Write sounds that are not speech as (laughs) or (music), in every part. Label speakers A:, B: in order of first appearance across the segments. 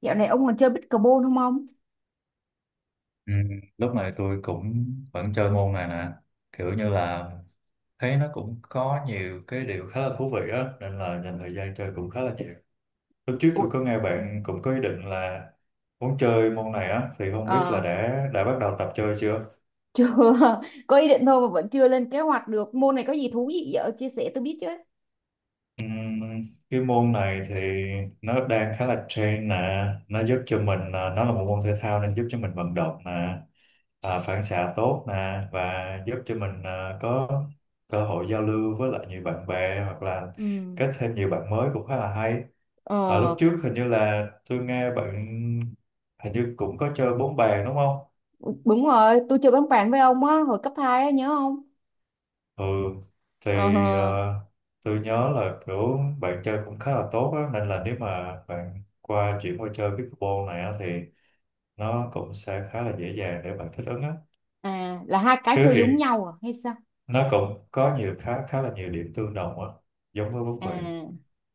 A: Dạo này ông còn chơi pickleball không ông?
B: Ừ, lúc này tôi cũng vẫn chơi môn này nè, kiểu như là thấy nó cũng có nhiều cái điều khá là thú vị á nên là dành thời gian chơi cũng khá là nhiều. Lúc trước
A: Ủa,
B: tôi có nghe bạn cũng có ý định là muốn chơi môn này á, thì không biết là
A: ờ,
B: đã bắt đầu tập chơi chưa.
A: chưa, (laughs) có ý định thôi mà vẫn chưa lên kế hoạch được. Môn này có gì thú vị vậy? Ờ, Chia sẻ tôi biết chứ.
B: Ừm, cái môn này thì nó đang khá là trend nè, nó giúp cho mình nó là một môn thể thao nên giúp cho mình vận động nè, phản xạ tốt nè, và giúp cho mình có cơ hội giao lưu với lại nhiều bạn bè hoặc là
A: Ừ.
B: kết thêm nhiều bạn mới, cũng khá là hay.
A: Ờ,
B: Lúc trước hình như là tôi nghe bạn hình như cũng có chơi bóng bàn đúng không?
A: đúng rồi, tôi chơi bóng bàn với ông á, hồi cấp 2 á, nhớ không?
B: Ừ, thì
A: Ờ,
B: ờ, tôi nhớ là kiểu bạn chơi cũng khá là tốt á, nên là nếu mà bạn chuyển qua chơi pickleball này á, thì nó cũng sẽ khá là dễ dàng để bạn thích ứng á.
A: à, là hai cái
B: Chứ
A: chơi giống
B: hiện
A: nhau à, hay sao?
B: nó cũng có nhiều khá khá là nhiều điểm tương đồng á, giống với bóng
A: À,
B: bàn.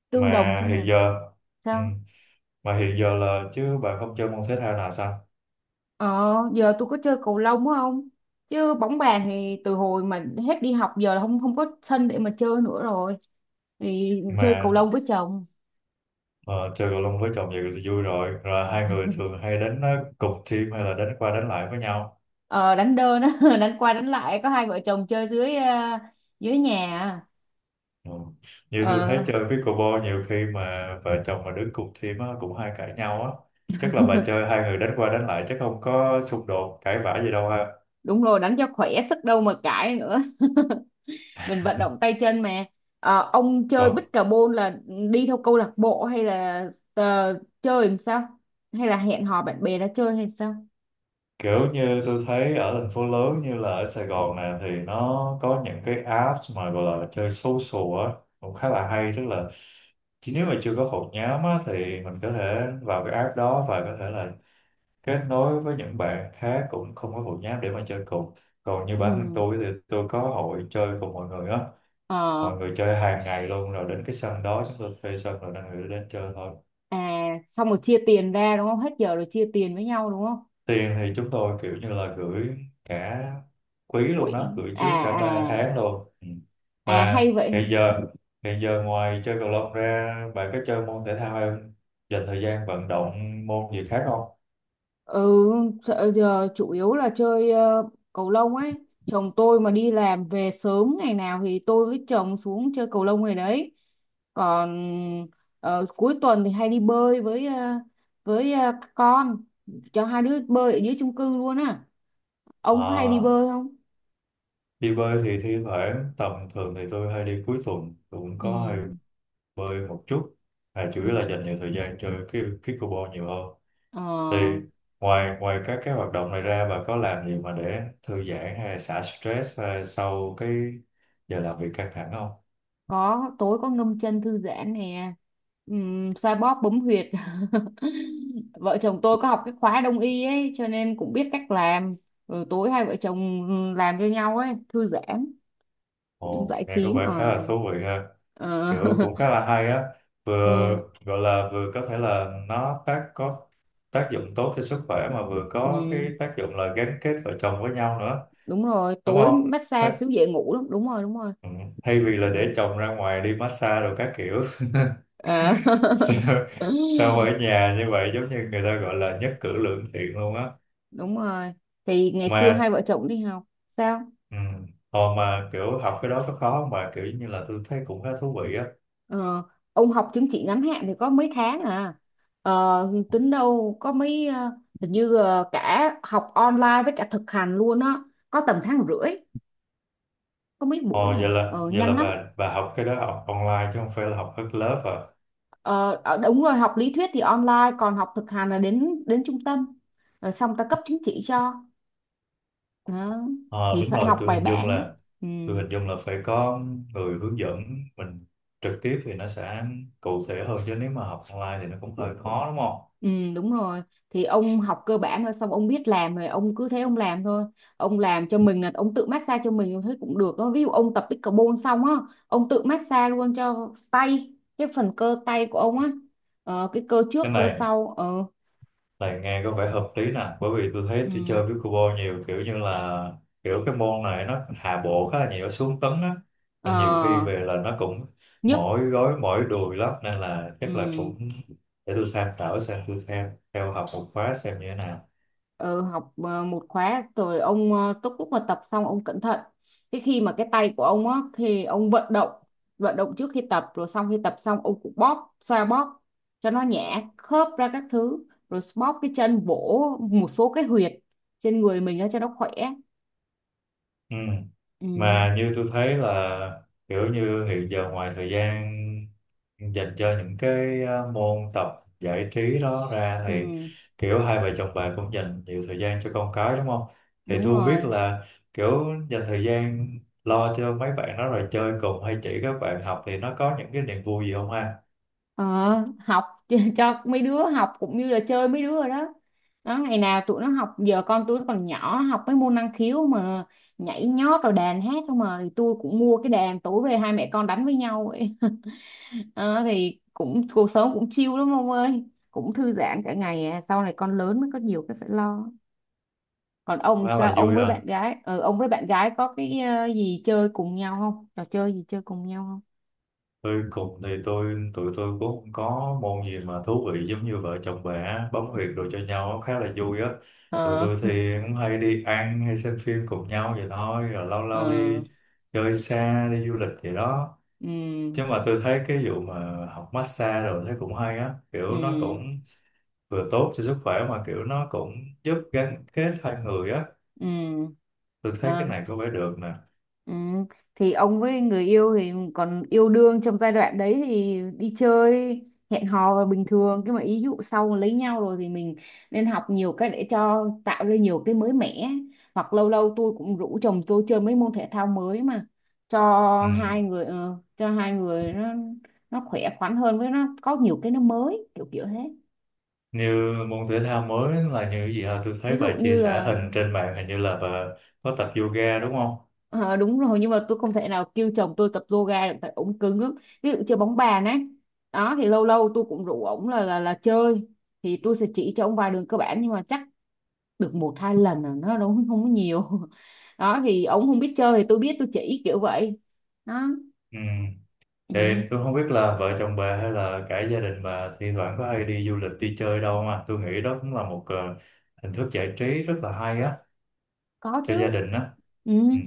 A: tương đồng thế
B: Mà hiện
A: nào?
B: giờ, ừ,
A: Sao?
B: mà hiện giờ là chứ bạn không chơi môn thể thao nào sao?
A: Ờ, giờ tôi có chơi cầu lông á không? Chứ bóng bàn thì từ hồi mà hết đi học giờ là không không có sân để mà chơi nữa rồi. Thì chơi cầu
B: mà
A: lông với chồng.
B: ờ, Chơi cầu lông với chồng vậy thì vui rồi, hai người
A: (laughs)
B: thường hay đánh cùng team hay là đánh qua đánh lại với nhau?
A: Ờ, đánh đơn á (laughs) đánh qua đánh lại có hai vợ chồng chơi dưới nhà à.
B: Ừ. Như tôi
A: Ờ,
B: thấy chơi pickleball nhiều khi mà vợ chồng mà đứng cùng team á, cũng hay cãi nhau á. Chắc là bà chơi hai người đánh qua đánh lại chắc không có xung đột, cãi vã gì đâu ha.
A: đúng rồi đánh cho khỏe sức đâu mà cãi nữa, mình vận động tay chân mà. Ờ, ông chơi
B: Vâng,
A: bích cà bôn là đi theo câu lạc bộ hay là ờ, chơi làm sao, hay là hẹn hò bạn bè ra chơi hay sao?
B: kiểu như tôi thấy ở thành phố lớn như là ở Sài Gòn này thì nó có những cái apps mà gọi là chơi social á, cũng khá là hay. Tức là chỉ nếu mà chưa có hội nhóm á, thì mình có thể vào cái app đó và có thể là kết nối với những bạn khác cũng không có hội nhóm để mà chơi cùng. Còn như bản thân
A: Ừ.
B: tôi thì tôi có hội chơi cùng mọi người á,
A: Ờ.
B: mọi người chơi hàng ngày luôn, rồi đến cái sân đó chúng tôi thuê sân rồi đang gửi đến chơi thôi.
A: À, xong rồi chia tiền ra đúng không, hết giờ rồi chia tiền với nhau đúng không?
B: Tiền thì chúng tôi kiểu như là gửi cả quý luôn
A: Quỹ
B: đó, gửi
A: à
B: trước cả 3
A: à,
B: tháng luôn. Ừ.
A: à
B: mà
A: hay vậy.
B: hiện giờ Hiện giờ ngoài chơi cầu lông ra bạn có chơi môn thể thao hay không, dành thời gian vận động môn gì khác không?
A: Ừ, sợ giờ chủ yếu là chơi cầu lông ấy. Chồng tôi mà đi làm về sớm ngày nào thì tôi với chồng xuống chơi cầu lông ngày đấy. Còn cuối tuần thì hay đi bơi các con, cho hai đứa bơi ở dưới chung cư luôn á. Ông có hay đi
B: À,
A: bơi không?
B: đi bơi thì thi thoảng, tầm thường thì tôi hay đi cuối tuần, tôi cũng
A: Ừ.
B: có hay bơi một chút. Chủ
A: Ừ.
B: yếu là dành nhiều thời gian chơi cái pickleball nhiều hơn.
A: Ờ.
B: Thì ngoài ngoài các cái hoạt động này ra, bà có làm gì mà để thư giãn hay là xả stress sau cái giờ làm việc căng thẳng không?
A: Có tối có ngâm chân thư giãn nè, xoa bóp bấm huyệt. (laughs) Vợ chồng tôi có học cái khóa đông y ấy cho nên cũng biết cách làm, rồi tối hai vợ chồng làm cho nhau ấy thư giãn,
B: Ồ,
A: giải
B: nghe có
A: trí
B: vẻ
A: ở.
B: khá là thú vị ha.
A: ờ (laughs)
B: Kiểu cũng khá là hay á, vừa
A: ừ,
B: gọi là vừa có thể là nó tác có tác dụng tốt cho sức khỏe, mà vừa có
A: ừ,
B: cái tác dụng là gắn kết vợ chồng với nhau nữa,
A: đúng rồi
B: đúng
A: tối
B: không?
A: massage xíu dễ ngủ lắm, đúng rồi đúng rồi.
B: Ừ. Thay vì là để
A: Ờ,
B: chồng ra ngoài đi massage rồi các kiểu
A: ờ.
B: (laughs) sao, sao
A: (laughs)
B: ở nhà như vậy giống như người ta gọi là nhất cử lưỡng tiện luôn á.
A: Đúng rồi, thì ngày xưa
B: mà
A: hai vợ chồng đi học. Sao?
B: ừ, hồi mà kiểu học cái đó có khó không bà, kiểu như là tôi thấy cũng khá thú vị á.
A: Ờ, ông học chứng chỉ ngắn hạn thì có mấy tháng à, tính đâu có mấy, hình như cả học online với cả thực hành luôn á, có tầm tháng rưỡi, có mấy buổi
B: Ồ,
A: à,
B: vậy là
A: nhanh lắm.
B: bà học cái đó học online chứ không phải là học hết lớp à?
A: Ờ, ờ, đúng rồi, học lý thuyết thì online còn học thực hành là đến đến trung tâm rồi xong ta cấp chứng chỉ cho. Đó.
B: Ờ,
A: Thì
B: đúng
A: phải
B: rồi.
A: học
B: Tôi
A: bài
B: hình dung
A: bản.
B: là
A: Ừ.
B: phải có người hướng dẫn mình trực tiếp thì nó sẽ cụ thể hơn, chứ nếu mà học online thì nó cũng hơi khó đúng không.
A: Ừ đúng rồi, thì ông học cơ bản rồi xong ông biết làm rồi ông cứ thế ông làm thôi. Ông làm cho mình, là ông tự massage cho mình thấy cũng được đó, ví dụ ông tập pickleball xong á ông tự massage luôn cho tay, cái phần cơ tay của ông á, cái cơ trước
B: Cái
A: cơ
B: này
A: sau. Ờ
B: Này nghe có vẻ hợp lý nè, bởi vì tôi thấy tôi
A: ừ,
B: chơi pickleball nhiều kiểu như là kiểu cái môn này nó hạ bộ khá là nhiều, nó xuống tấn á,
A: ờ,
B: nên nhiều khi về là nó cũng
A: nhức.
B: mỏi gối mỏi đùi lắm, nên là
A: Ừ.
B: chắc là cũng để tôi tham khảo xem, tôi xem theo học một khóa xem như thế nào.
A: Ừ, học một khóa rồi ông lúc lúc mà tập xong ông cẩn thận, cái khi mà cái tay của ông á thì ông vận động, vận động trước khi tập rồi xong khi tập xong ông cũng bóp xoa bóp cho nó nhả khớp ra các thứ, rồi bóp cái chân vỗ một số cái huyệt trên người mình á cho nó khỏe.
B: Ừ.
A: Ừ,
B: Mà như tôi thấy là kiểu như hiện giờ ngoài thời gian dành cho những cái môn tập giải trí đó ra, thì
A: ừ,
B: kiểu hai vợ chồng bà cũng dành nhiều thời gian cho con cái đúng không? Thì
A: đúng
B: tôi không biết
A: rồi.
B: là kiểu dành thời gian lo cho mấy bạn đó rồi chơi cùng hay chỉ các bạn học thì nó có những cái niềm vui gì không ha?
A: Ờ, học. (laughs) Cho mấy đứa học cũng như là chơi mấy đứa rồi đó. Đó, ngày nào tụi nó học, giờ con tụi nó còn nhỏ nó học mấy môn năng khiếu mà, nhảy nhót rồi đàn hát không mà, thì tôi cũng mua cái đàn tối về hai mẹ con đánh với nhau vậy. (laughs) Ờ, thì cũng cuộc sống cũng chill lắm ông ơi, cũng thư giãn cả ngày à. Sau này con lớn mới có nhiều cái phải lo. Còn ông
B: Nó
A: sao,
B: là
A: ông
B: vui
A: với bạn
B: ha.
A: gái có cái gì chơi cùng nhau không, trò chơi gì chơi cùng nhau không?
B: Tôi cùng thì tôi Tụi tôi cũng không có môn gì mà thú vị giống như vợ chồng bè bấm
A: Ừ.
B: huyệt đồ cho nhau, nó khá là vui á. Tụi
A: Ờ.
B: tôi thì cũng hay đi ăn hay xem phim cùng nhau vậy thôi, rồi lâu lâu
A: Ờ.
B: đi chơi xa, đi du lịch vậy đó.
A: Ừ.
B: Chứ mà tôi thấy cái vụ mà học massage rồi thấy cũng hay á, kiểu nó
A: Ừ.
B: cũng vừa tốt cho sức khỏe, mà kiểu nó cũng giúp gắn kết hai người á,
A: Ừ.
B: tôi thấy
A: Ờ,
B: cái này có vẻ được nè.
A: ừ. Thì ông với người yêu thì còn yêu đương trong giai đoạn đấy thì đi chơi hẹn hò là bình thường, nhưng mà ý dụ sau mà lấy nhau rồi thì mình nên học nhiều cách để cho tạo ra nhiều cái mới mẻ, hoặc lâu lâu tôi cũng rủ chồng tôi chơi mấy môn thể thao mới, mà cho
B: Ừ.
A: hai người nó khỏe khoắn hơn, với nó có nhiều cái nó mới kiểu kiểu thế.
B: Như môn thể thao mới là như cái gì hả? Tôi thấy
A: Ví dụ
B: bà chia
A: như
B: sẻ
A: là,
B: hình trên mạng, hình như là bà có tập yoga đúng không.
A: Ờ, đúng rồi nhưng mà tôi không thể nào kêu chồng tôi tập yoga được tại ổng cứng lắm. Ví dụ chơi bóng bàn ấy, đó thì lâu lâu tôi cũng rủ ổng là chơi, thì tôi sẽ chỉ cho ổng vài đường cơ bản nhưng mà chắc được một hai lần là nó đúng, (laughs) không có nhiều. (laughs) Đó thì ổng không biết chơi thì tôi biết tôi chỉ kiểu vậy đó.
B: Ừ. Thì
A: Ừ,
B: tôi không biết là vợ chồng bà hay là cả gia đình bà thi thoảng có hay đi du lịch, đi chơi đâu, mà tôi nghĩ đó cũng là một hình thức giải trí rất là hay á
A: có
B: cho
A: chứ.
B: gia đình á.
A: Ừ.
B: Ừ.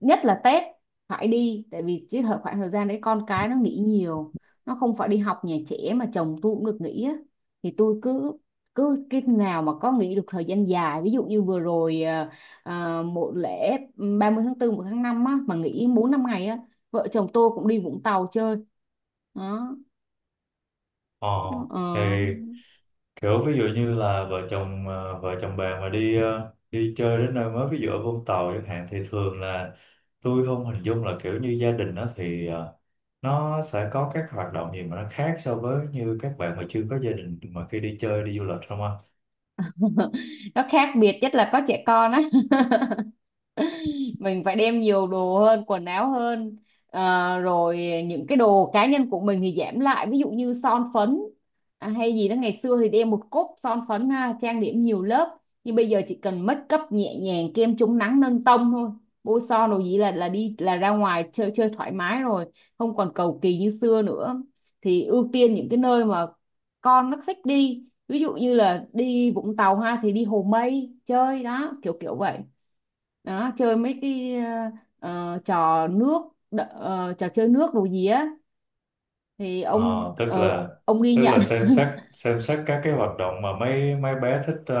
A: Nhất là Tết phải đi, tại vì cái khoảng thời gian đấy con cái nó nghỉ nhiều, nó không phải đi học nhà trẻ mà chồng tôi cũng được nghỉ á, thì tôi cứ cứ cái nào mà có nghỉ được thời gian dài, ví dụ như vừa rồi à, à, một lễ 30 tháng 4 một tháng 5 á mà nghỉ 4 5 ngày á, vợ chồng tôi cũng đi Vũng Tàu chơi đó.
B: Ờ.
A: Ờ.
B: Thì kiểu ví dụ như là vợ chồng bạn mà đi chơi đến nơi mới ví dụ ở Vũng Tàu chẳng hạn, thì thường là tôi không hình dung là kiểu như gia đình đó thì nó sẽ có các hoạt động gì mà nó khác so với như các bạn mà chưa có gia đình mà khi đi chơi đi du lịch không anh.
A: (laughs) Nó khác biệt nhất là có trẻ con á, mình phải đem nhiều đồ hơn, quần áo hơn. Ờ, rồi những cái đồ cá nhân của mình thì giảm lại, ví dụ như son phấn, à, hay gì đó, ngày xưa thì đem một cốc son phấn ha, trang điểm nhiều lớp nhưng bây giờ chỉ cần make up nhẹ nhàng, kem chống nắng nâng tông thôi, bôi son đồ gì là đi, là ra ngoài chơi chơi thoải mái rồi, không còn cầu kỳ như xưa nữa. Thì ưu tiên những cái nơi mà con nó thích đi, ví dụ như là đi Vũng Tàu ha thì đi Hồ Mây chơi đó kiểu kiểu vậy. Đó, chơi mấy cái trò nước, trò chơi nước đồ gì á, thì
B: Ờ,
A: ông
B: tức
A: ờ,
B: là
A: ông ghi
B: tức
A: nhận.
B: là
A: (laughs)
B: xem xét các cái hoạt động mà mấy mấy bé thích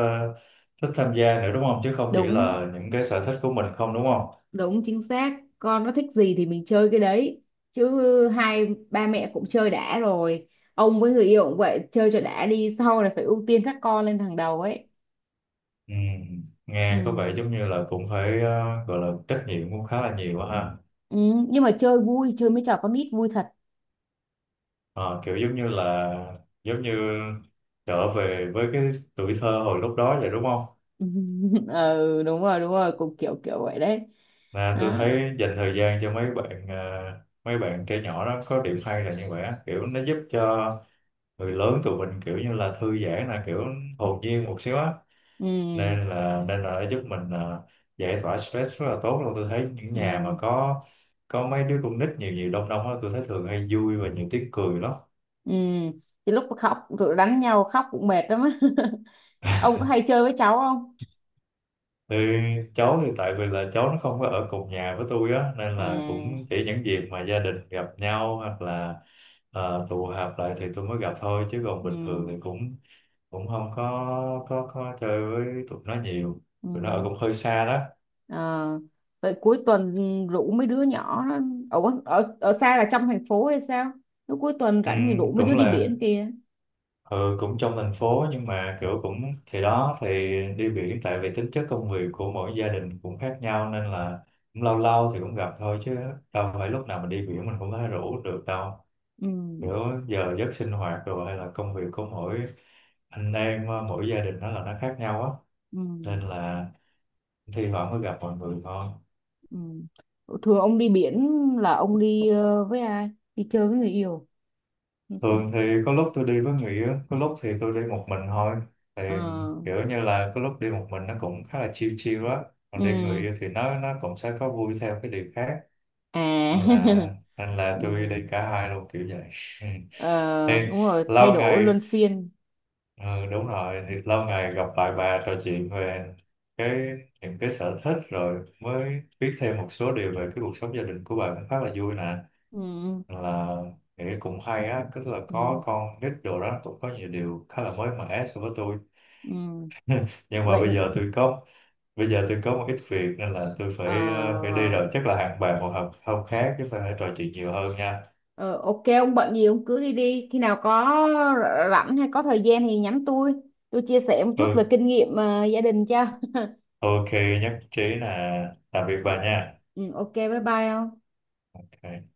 B: thích tham gia nữa, đúng không, chứ không chỉ
A: Đúng,
B: là những cái sở thích của mình không, đúng không.
A: đúng chính xác, con nó thích gì thì mình chơi cái đấy, chứ hai ba mẹ cũng chơi đã rồi. Ông với người yêu cũng vậy, chơi cho đã đi, sau này phải ưu tiên các con lên hàng đầu ấy.
B: Ừ,
A: Ừ.
B: nghe có vẻ giống như là cũng phải gọi là trách nhiệm cũng khá là nhiều á ha.
A: Ừ. Nhưng mà chơi vui, chơi mấy trò con nít vui thật.
B: Ờ, kiểu giống như là giống như trở về với cái tuổi thơ hồi lúc đó vậy đúng không.
A: (laughs) Ừ đúng rồi đúng rồi, cũng kiểu kiểu vậy đấy
B: À, tôi
A: đó.
B: thấy dành thời gian cho mấy bạn trẻ nhỏ đó có điểm hay là như vậy á, kiểu nó giúp cho người lớn tụi mình kiểu như là thư giãn, là kiểu hồn nhiên một xíu á,
A: Ừ.
B: nên là nó giúp mình giải tỏa stress rất là tốt luôn. Tôi thấy những nhà mà
A: Ừ.
B: có mấy đứa con nít nhiều nhiều đông đông á, tôi thấy thường hay vui và nhiều tiếng cười lắm.
A: Ừ. Thì lúc khóc tụi đánh nhau khóc cũng mệt lắm á. (laughs) Ông có hay chơi với cháu không?
B: Thì cháu thì tại vì là cháu nó không có ở cùng nhà với tôi á, nên là cũng
A: À.
B: chỉ những dịp mà gia đình gặp nhau hoặc là tụ họp lại thì tôi mới gặp thôi, chứ còn
A: Ừ.
B: bình thường thì cũng cũng không có chơi với tụi nó nhiều.
A: Ừ.
B: Tụi nó ở cũng hơi xa đó.
A: Ờ. Vậy cuối tuần rủ mấy đứa nhỏ đó. Ở, ở ở xa là trong thành phố hay sao? Lúc cuối tuần rảnh thì rủ mấy đứa
B: Cũng
A: đi
B: là
A: biển kia.
B: Ừ, cũng trong thành phố nhưng mà kiểu cũng thì đó thì đi biển, tại vì tính chất công việc của mỗi gia đình cũng khác nhau nên là cũng lâu lâu thì cũng gặp thôi, chứ đâu phải lúc nào mình đi biển mình cũng có thể rủ được đâu.
A: Ừ.
B: Kiểu giờ giấc sinh hoạt rồi hay là công việc của mỗi anh em mỗi gia đình nó là nó khác nhau á,
A: Ừ.
B: nên là thi thoảng mới gặp mọi người thôi.
A: Ừ. Thường ông đi biển là ông đi với ai? Đi chơi với người yêu hay sao?
B: Thường thì có lúc tôi đi với người yêu, có lúc thì tôi đi một mình thôi. Thì
A: Ờ.
B: kiểu như là có lúc đi một mình nó cũng khá là chill chill á.
A: Ừ.
B: Còn đi người yêu thì nó cũng sẽ có vui theo cái điều khác.
A: À. (laughs)
B: Là nên là
A: Ừ.
B: tôi đi cả hai luôn kiểu vậy. (laughs) Thì
A: Ờ, đúng rồi, thay
B: lâu
A: đổi
B: ngày,
A: luân phiên.
B: ừ, đúng rồi, thì lâu ngày gặp lại bà trò chuyện về cái những cái sở thích, rồi mới biết thêm một số điều về cái cuộc sống gia đình của bà cũng khá là vui nè.
A: Ừ,
B: Là nghĩ cũng hay á, tức là có
A: ừ,
B: con nít đồ đó cũng có nhiều điều khá là mới mẻ so với tôi.
A: ừ.
B: Nhưng mà
A: Vậy,
B: bây giờ tôi có một ít việc nên là tôi
A: ờ,
B: phải phải đi rồi, chắc là hẹn bạn một hôm, hôm khác chúng ta hãy trò chuyện nhiều hơn nha.
A: ờ, ok ông bận gì ông cứ đi đi, khi nào có rảnh hay có thời gian thì nhắn tôi chia sẻ một chút về
B: Ừ,
A: kinh nghiệm gia đình cho. (laughs)
B: ok, nhất trí, là tạm biệt bà
A: Ừ,
B: nha.
A: ừ, ok bye bye ông.
B: Ok.